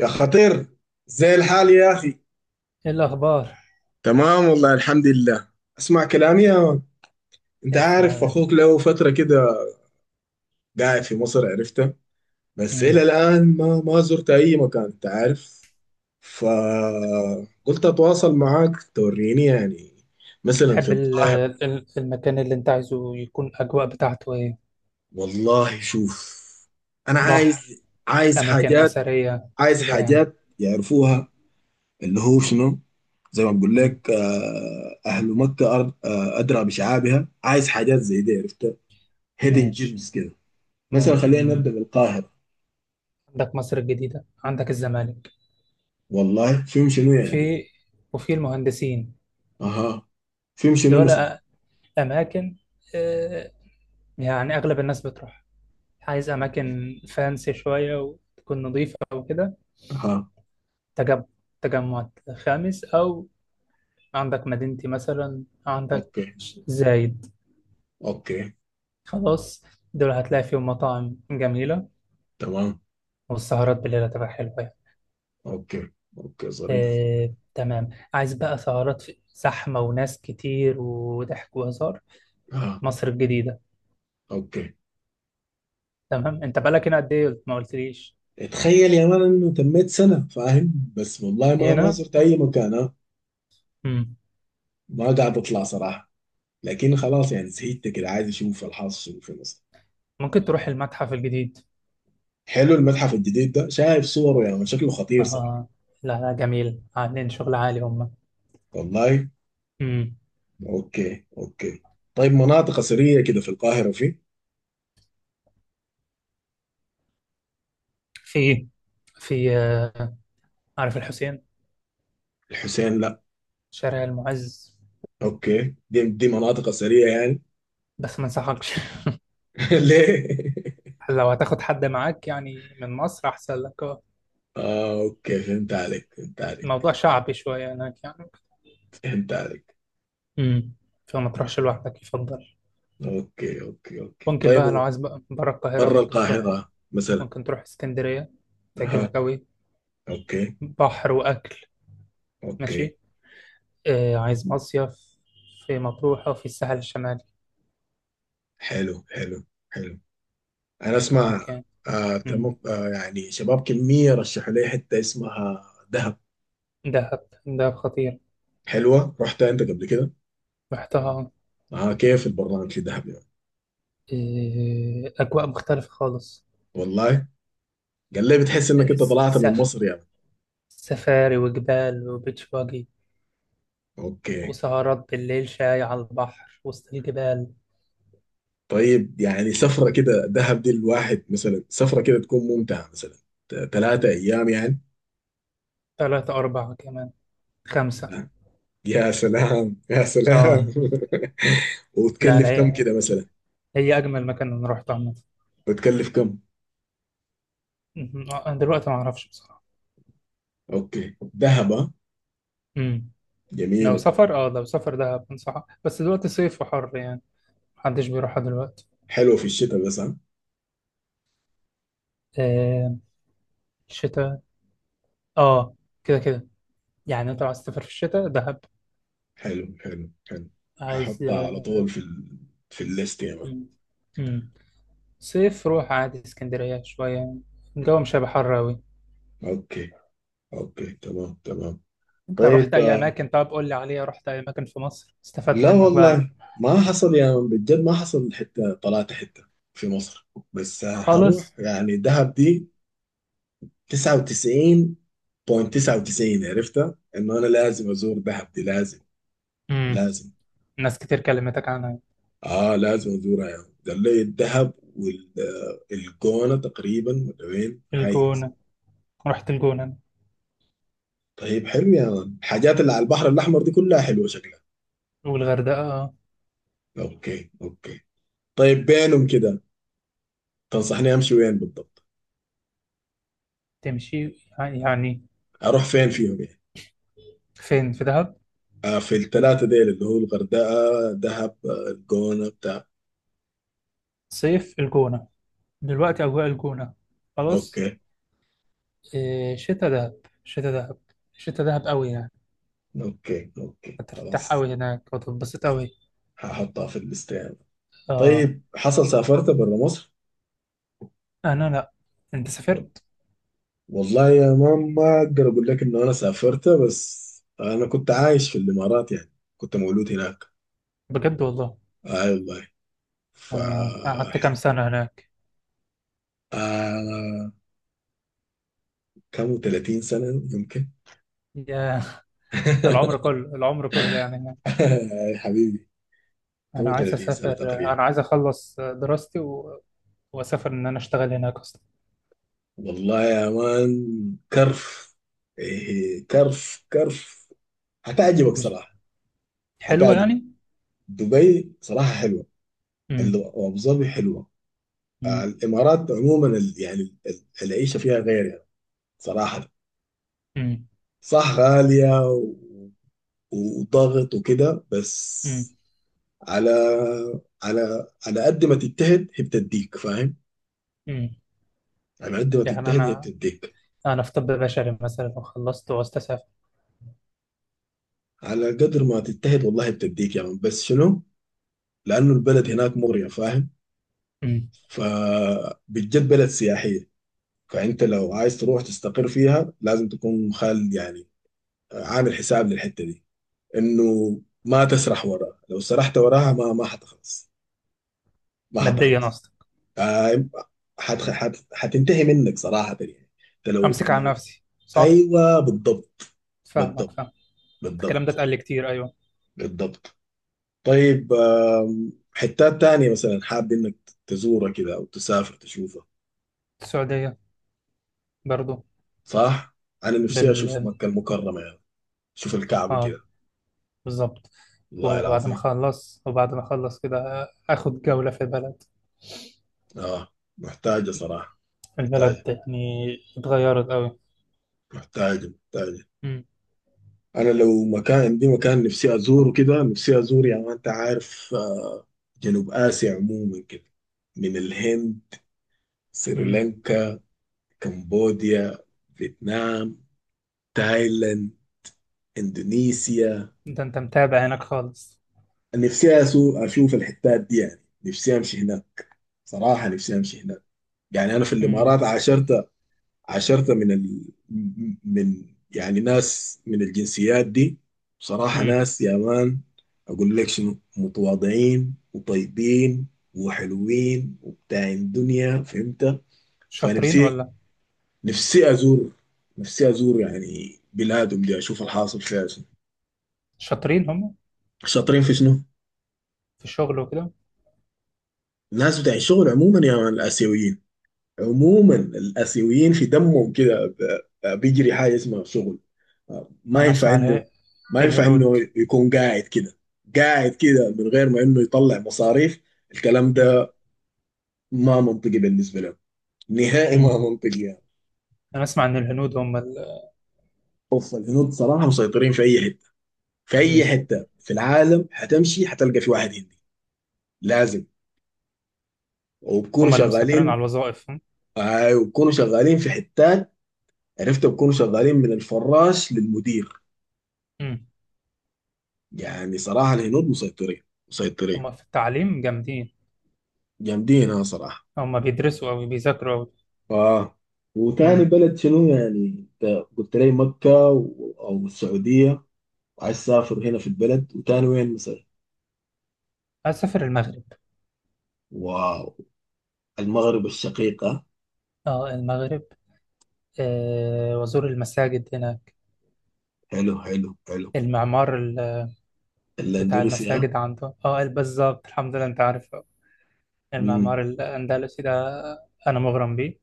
يا خطير، زي الحال يا أخي؟ ايه الاخبار؟ تمام والله، الحمد لله. اسمع كلامي يا مان. أنت اسمع يا عارف باشا. أخوك له فترة كده قاعد في مصر، عرفته. بس إلى امم. الآن ما زرت أي مكان أنت عارف. فقلت أتواصل معاك توريني يعني، مثلا في تحب القاهرة. المكان اللي انت عايزه يكون الاجواء بتاعته ايه؟ والله شوف، أنا بحر؟ عايز، عايز اماكن حاجات، اثريه عايز كده يعني. حاجات مم. يعرفوها، اللي هو شنو. زي ما بقول مم. لك، آه، أهل مكة أرض، أدرى بشعابها. عايز حاجات زي دي عرفت، هيدن ماشي. جيمز كده. مثلا خلينا ممكن. نبدأ بالقاهرة. عندك مصر الجديده، عندك الزمالك. والله فيهم شنو يعني؟ في، وفي المهندسين. أها. فيهم شنو دول مثلا؟ أ- اماكن. آه، يعني اغلب الناس بتروح. عايز اماكن فانسي شويه وتكون نظيفه او كده. أها. تجمع تجمع خامس، او عندك مدينتي مثلا، عندك أوكي، زايد. أوكي. خلاص، دول هتلاقي فيهم مطاعم جميلة، تمام. والسهرات بالليل هتبقى حلوة يعني. أوكي، أوكي، ظريف ظريف. تمام. عايز بقى سهرات زحمة وناس كتير وضحك وهزار. أها. مصر الجديدة. أوكي. تمام، انت بقالك هنا قد ايه؟ ما قلتليش. تخيل يا مان إنه تميت سنة فاهم، بس والله ما هنا. زرت أي مكان، ها. مم. ما قاعد أطلع صراحة، لكن خلاص يعني زهقت كده، عايز أشوف الحاصل شنو في مصر. ممكن تروح المتحف الجديد. حلو، المتحف الجديد ده شايف صوره يا من، شكله خطير صراحة. آه. لا لا، جميل، عاملين شغل عالي هم. والله. مم. اوكي، اوكي. طيب مناطق اثرية كده في القاهرة؟ في في في عارف الحسين. الحسين؟ لا. شارع المعز. اوكي، دي مناطق اثرية يعني. بس ما انصحكش. ليه؟ لو هتاخد حد معاك يعني من مصر احسن لك، اه. اه، اوكي، فهمت عليك، فهمت عليك. الموضوع شعبي شويه هناك يعني. فهمت عليك. امم. فما تروحش اوكي، لوحدك يفضل. اوكي، اوكي، اوكي. ممكن طيب بقى لو عايز بقى بره القاهره، برا ممكن تروح. القاهرة مثلا. ممكن تروح اسكندريه، اها. تعجبك قوي. اوكي، بحر واكل. اوكي. ماشي. آه، عايز مصيف في مطروح او في الساحل الشمالي. حلو حلو حلو، انا اسمع. ممكن. آه امم. تمام، آه يعني شباب كمية رشحوا لي حتة اسمها دهب. دهب، دهب خطير. حلوه؟ رحت انت قبل كده؟ رحتها آه. اه، كيف البرنامج الذهبي ده؟ اجواء مختلفه خالص. والله. قال لي بتحس انك آه، انت س- طلعت من سف مصر يعني. سفاري وجبال وبيتش باجي، اوكي. وسهرات بالليل، شاي على البحر وسط الجبال. طيب يعني سفره كده دهب دي، الواحد مثلا سفره كده تكون ممتعه مثلا ثلاثه ايام يعني؟ 3، 4، كمان 5. آه. يا سلام، يا آه. سلام. لا لا، وتكلف كم كده مثلا؟ هي أجمل مكان أنا روحته عامة. بتكلف كم؟ مهم. أنا دلوقتي ما أعرفش بصراحة. اوكي، دهب، آه. مم. جميله. طيب. لو سفر دهب، أنصحك. بس دلوقتي صيف وحر يعني، محدش بيروحها دلوقتي. حلوه في الشتاء بس، ها؟ آه. شتاء. آه. كده كده. يعني أنت لو عايز تسافر في الشتاء، دهب. حلو حلو حلو، عايز. هحطها على طول في الليست يا مان. مم. مم. صيف، روح عادي اسكندرية شوية، الجو مش هيبقى حر أوي. اوكي، اوكي، تمام تمام. انت رحت طيب اي آه، اماكن؟ طب قول لي عليها. رحت اي اماكن في مصر استفاد لا منك بقى؟ والله ما حصل يا من، بجد ما حصل حتة طلعت حتة في مصر، بس آه، حروح خالص. يعني دهب دي 99.99، عرفتها انه انا لازم ازور دهب دي، لازم، امم. لازم. ناس كتير كلمتك عنها. اه لازم ازورها يعني. قال لي الدهب والجونة تقريبا، ولا وين هاي اسمها؟ الجونة. رحت الجونة أنا. طيب حلو يا مان، الحاجات اللي على البحر الاحمر دي كلها حلوة شكلها. والغردقة. اوكي، اوكي. طيب بينهم كده تنصحني امشي وين بالضبط؟ تمشي يعني. اروح فين فيهم يعني؟ فين؟ في دهب. آه، في الثلاثة ديل، اللي هو الغردقة، دهب، آه، الجونة بتاع. صيف الجونة، دلوقتي اجواء الجونة، خلاص. اوكي، إيه، شتا دهب، شتا دهب، شتا دهب قوي يعني. اوكي، اوكي، هترتاح خلاص. قوي هناك وتتبسط قوي. هحطها في الليست يعني. اه. طيب حصل سافرت برا مصر؟ انا لا. انت سافرت؟ والله يا مان ما اقدر اقول لك انه انا سافرت، بس انا كنت عايش في الامارات يعني، كنت مولود هناك. بجد والله. اي والله. آه. قعدت كام فحلو. سنة هناك؟ آه، كم، 30 سنة يمكن. يا العمر كله، العمر كله يعني. حبيبي. انا كم عايز 30 سنة اسافر. تقريبا. انا عايز اخلص دراستي و... واسافر، ان انا اشتغل هناك اصلا. والله يا مان كرف. إيه كرف، كرف. هتعجبك مش صراحة. حلوه هتعجبك. يعني. دبي صراحة حلوة، امم. وأبو ظبي حلوة. آه، امم. الإمارات عموما، العيشة فيها غير يعني، صراحة. امم. صح، غالية وضغط وكده، بس امم. على، على، على قد ما تجتهد هي بتديك فاهم. أمم. على قد ما يعني تجتهد هي انا بتديك. انا في طب بشري مثلا، وخلصت وعاوز اسافر. على قدر ما تجتهد والله بتديك يعني، بس شنو، لأنه البلد أمم. هناك مغرية فاهم. أمم. فبتجد بلد سياحية، فأنت لو عايز تروح تستقر فيها لازم تكون خال يعني، عامل حساب للحتة دي. إنه ما تسرح وراها، لو سرحت وراها ما حتخلص، ما ماديا حتخلص. اصلا. آه، حت حت حتنتهي منك صراحة يعني. أنت لو امسك على لو نفسي، صح. أيوه بالضبط. فاهمك، بالضبط، فاهم. الكلام ده بالضبط. اتقال لي كتير، ايوه. بالضبط. طيب آم، حتات تانية مثلا حاب إنك تزورها كده أو تسافر تشوفها؟ السعوديه برضو. صح؟ أنا نفسي أشوف بال. مكة المكرمة يعني. شوف الكعب اه، كده، بالظبط. والله العظيم. وبعد ما اخلص كده اخد جوله في البلد. اه محتاجة صراحة. البلد محتاجة، يعني اتغيرت قوي. محتاجة، محتاجة. أنا لو مكان، عندي مكان نفسي أزوره كده، نفسي أزور يعني، ما أنت عارف، آه، جنوب آسيا عموما كده، من الهند، سريلانكا، كمبوديا، فيتنام، تايلاند، إندونيسيا. ده انت متابع هناك خالص. نفسي أشوف الحتات دي يعني، نفسي أمشي هناك صراحة، نفسي أمشي هناك. يعني أنا في امم. الإمارات عاشرت عشرة من ال... من يعني ناس من الجنسيات دي. بصراحة امم. ناس يا مان، أقول لك شنو، متواضعين وطيبين وحلوين وبتاعين دنيا، فهمت. شاطرين فنفسي، ولا؟ نفسي أزور، نفسي أزور يعني بلادهم دي، أشوف الحاصل فيها شنو. شاطرين هم شاطرين في شنو؟ في الشغل وكده. الناس بتاع الشغل عموما يا مان، الآسيويين عموما، الآسيويين في دمهم كده، بيجري حاجة اسمها شغل. ما انا ينفع اسمع انه، اله... ما ينفع الهنود. انه يكون قاعد كده، قاعد كده من غير ما انه يطلع مصاريف. الكلام امم. ده ما منطقي بالنسبه له، نهائي ما امم. منطقي يعني. انا اسمع ان الهنود هم ال... اوف، الهنود صراحه مسيطرين في اي حته، في اي امم. حته في العالم حتمشي حتلقى في واحد هندي، لازم. وبكونوا هم اللي مسيطرين شغالين. على الوظائف هم. آه وبكونوا شغالين في حتات عرفت، بكونوا شغالين من الفراش للمدير. امم. يعني صراحه الهنود مسيطرين، مسيطرين. هم في التعليم جامدين. جامدين، ها، صراحه. هم بيدرسوا او بيذاكروا او... اه. وتاني امم. بلد شنو يعني؟ انت قلت لي مكة او السعودية، وعايز تسافر هنا في البلد، وتاني وين؟ مصر. اسافر المغرب. واو، المغرب الشقيقة. اه المغرب. آه، وازور المساجد هناك. حلو حلو حلو. المعمار ال... بتاع الاندلسيا. المساجد عنده، اه بالظبط، الحمد لله. انت عارف المعمار امم. الاندلسي ده، انا مغرم بيه.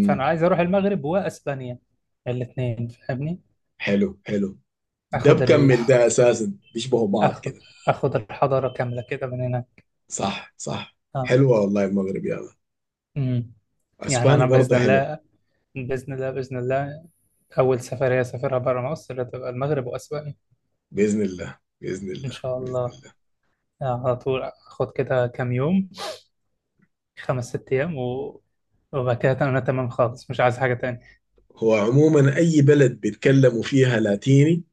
فانا عايز اروح المغرب واسبانيا، الاثنين، فاهمني. حلو، حلو. ده اخد بكمل الح... ده، اساسا بيشبهوا بعض اخد كده. اخد الحضاره كامله كده من هنا. صح، صح. اه. حلوه والله المغرب يا ما. امم. يعني اسبانيا انا برضه باذن حلوه. الله، باذن الله، باذن الله، اول سفريه اسافرها بره مصر هتبقى المغرب واسبانيا. باذن الله، باذن ان الله، شاء باذن الله. الله. على طول اخد كده كام يوم، 5، 6 ايام و... وبعد كده انا تمام خالص، مش عايز حاجه تاني. هو عموما اي بلد بيتكلموا فيها لاتيني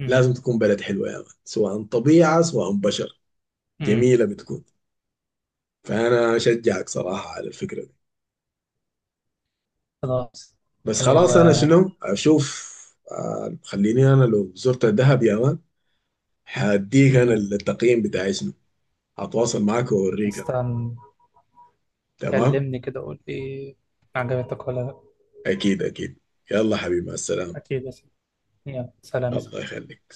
امم. لازم تكون بلد حلوة يا مان، سواء طبيعة سواء بشر، امم. جميلة بتكون. فأنا أشجعك صراحة على الفكرة دي. خلاص. بس لو. خلاص أنا شنو أشوف، آه، خليني أنا لو زرت الدهب يا مان هديك أنا امم. التقييم بتاعي شنو، هتواصل معاك وأوريك أنا. استنى، تمام. كلمني كده، قول لي عجبتك ولا لا. أكيد، أكيد. يلا حبيبي، مع السلامة. اكيد بس. يلا سلام. الله يخليك.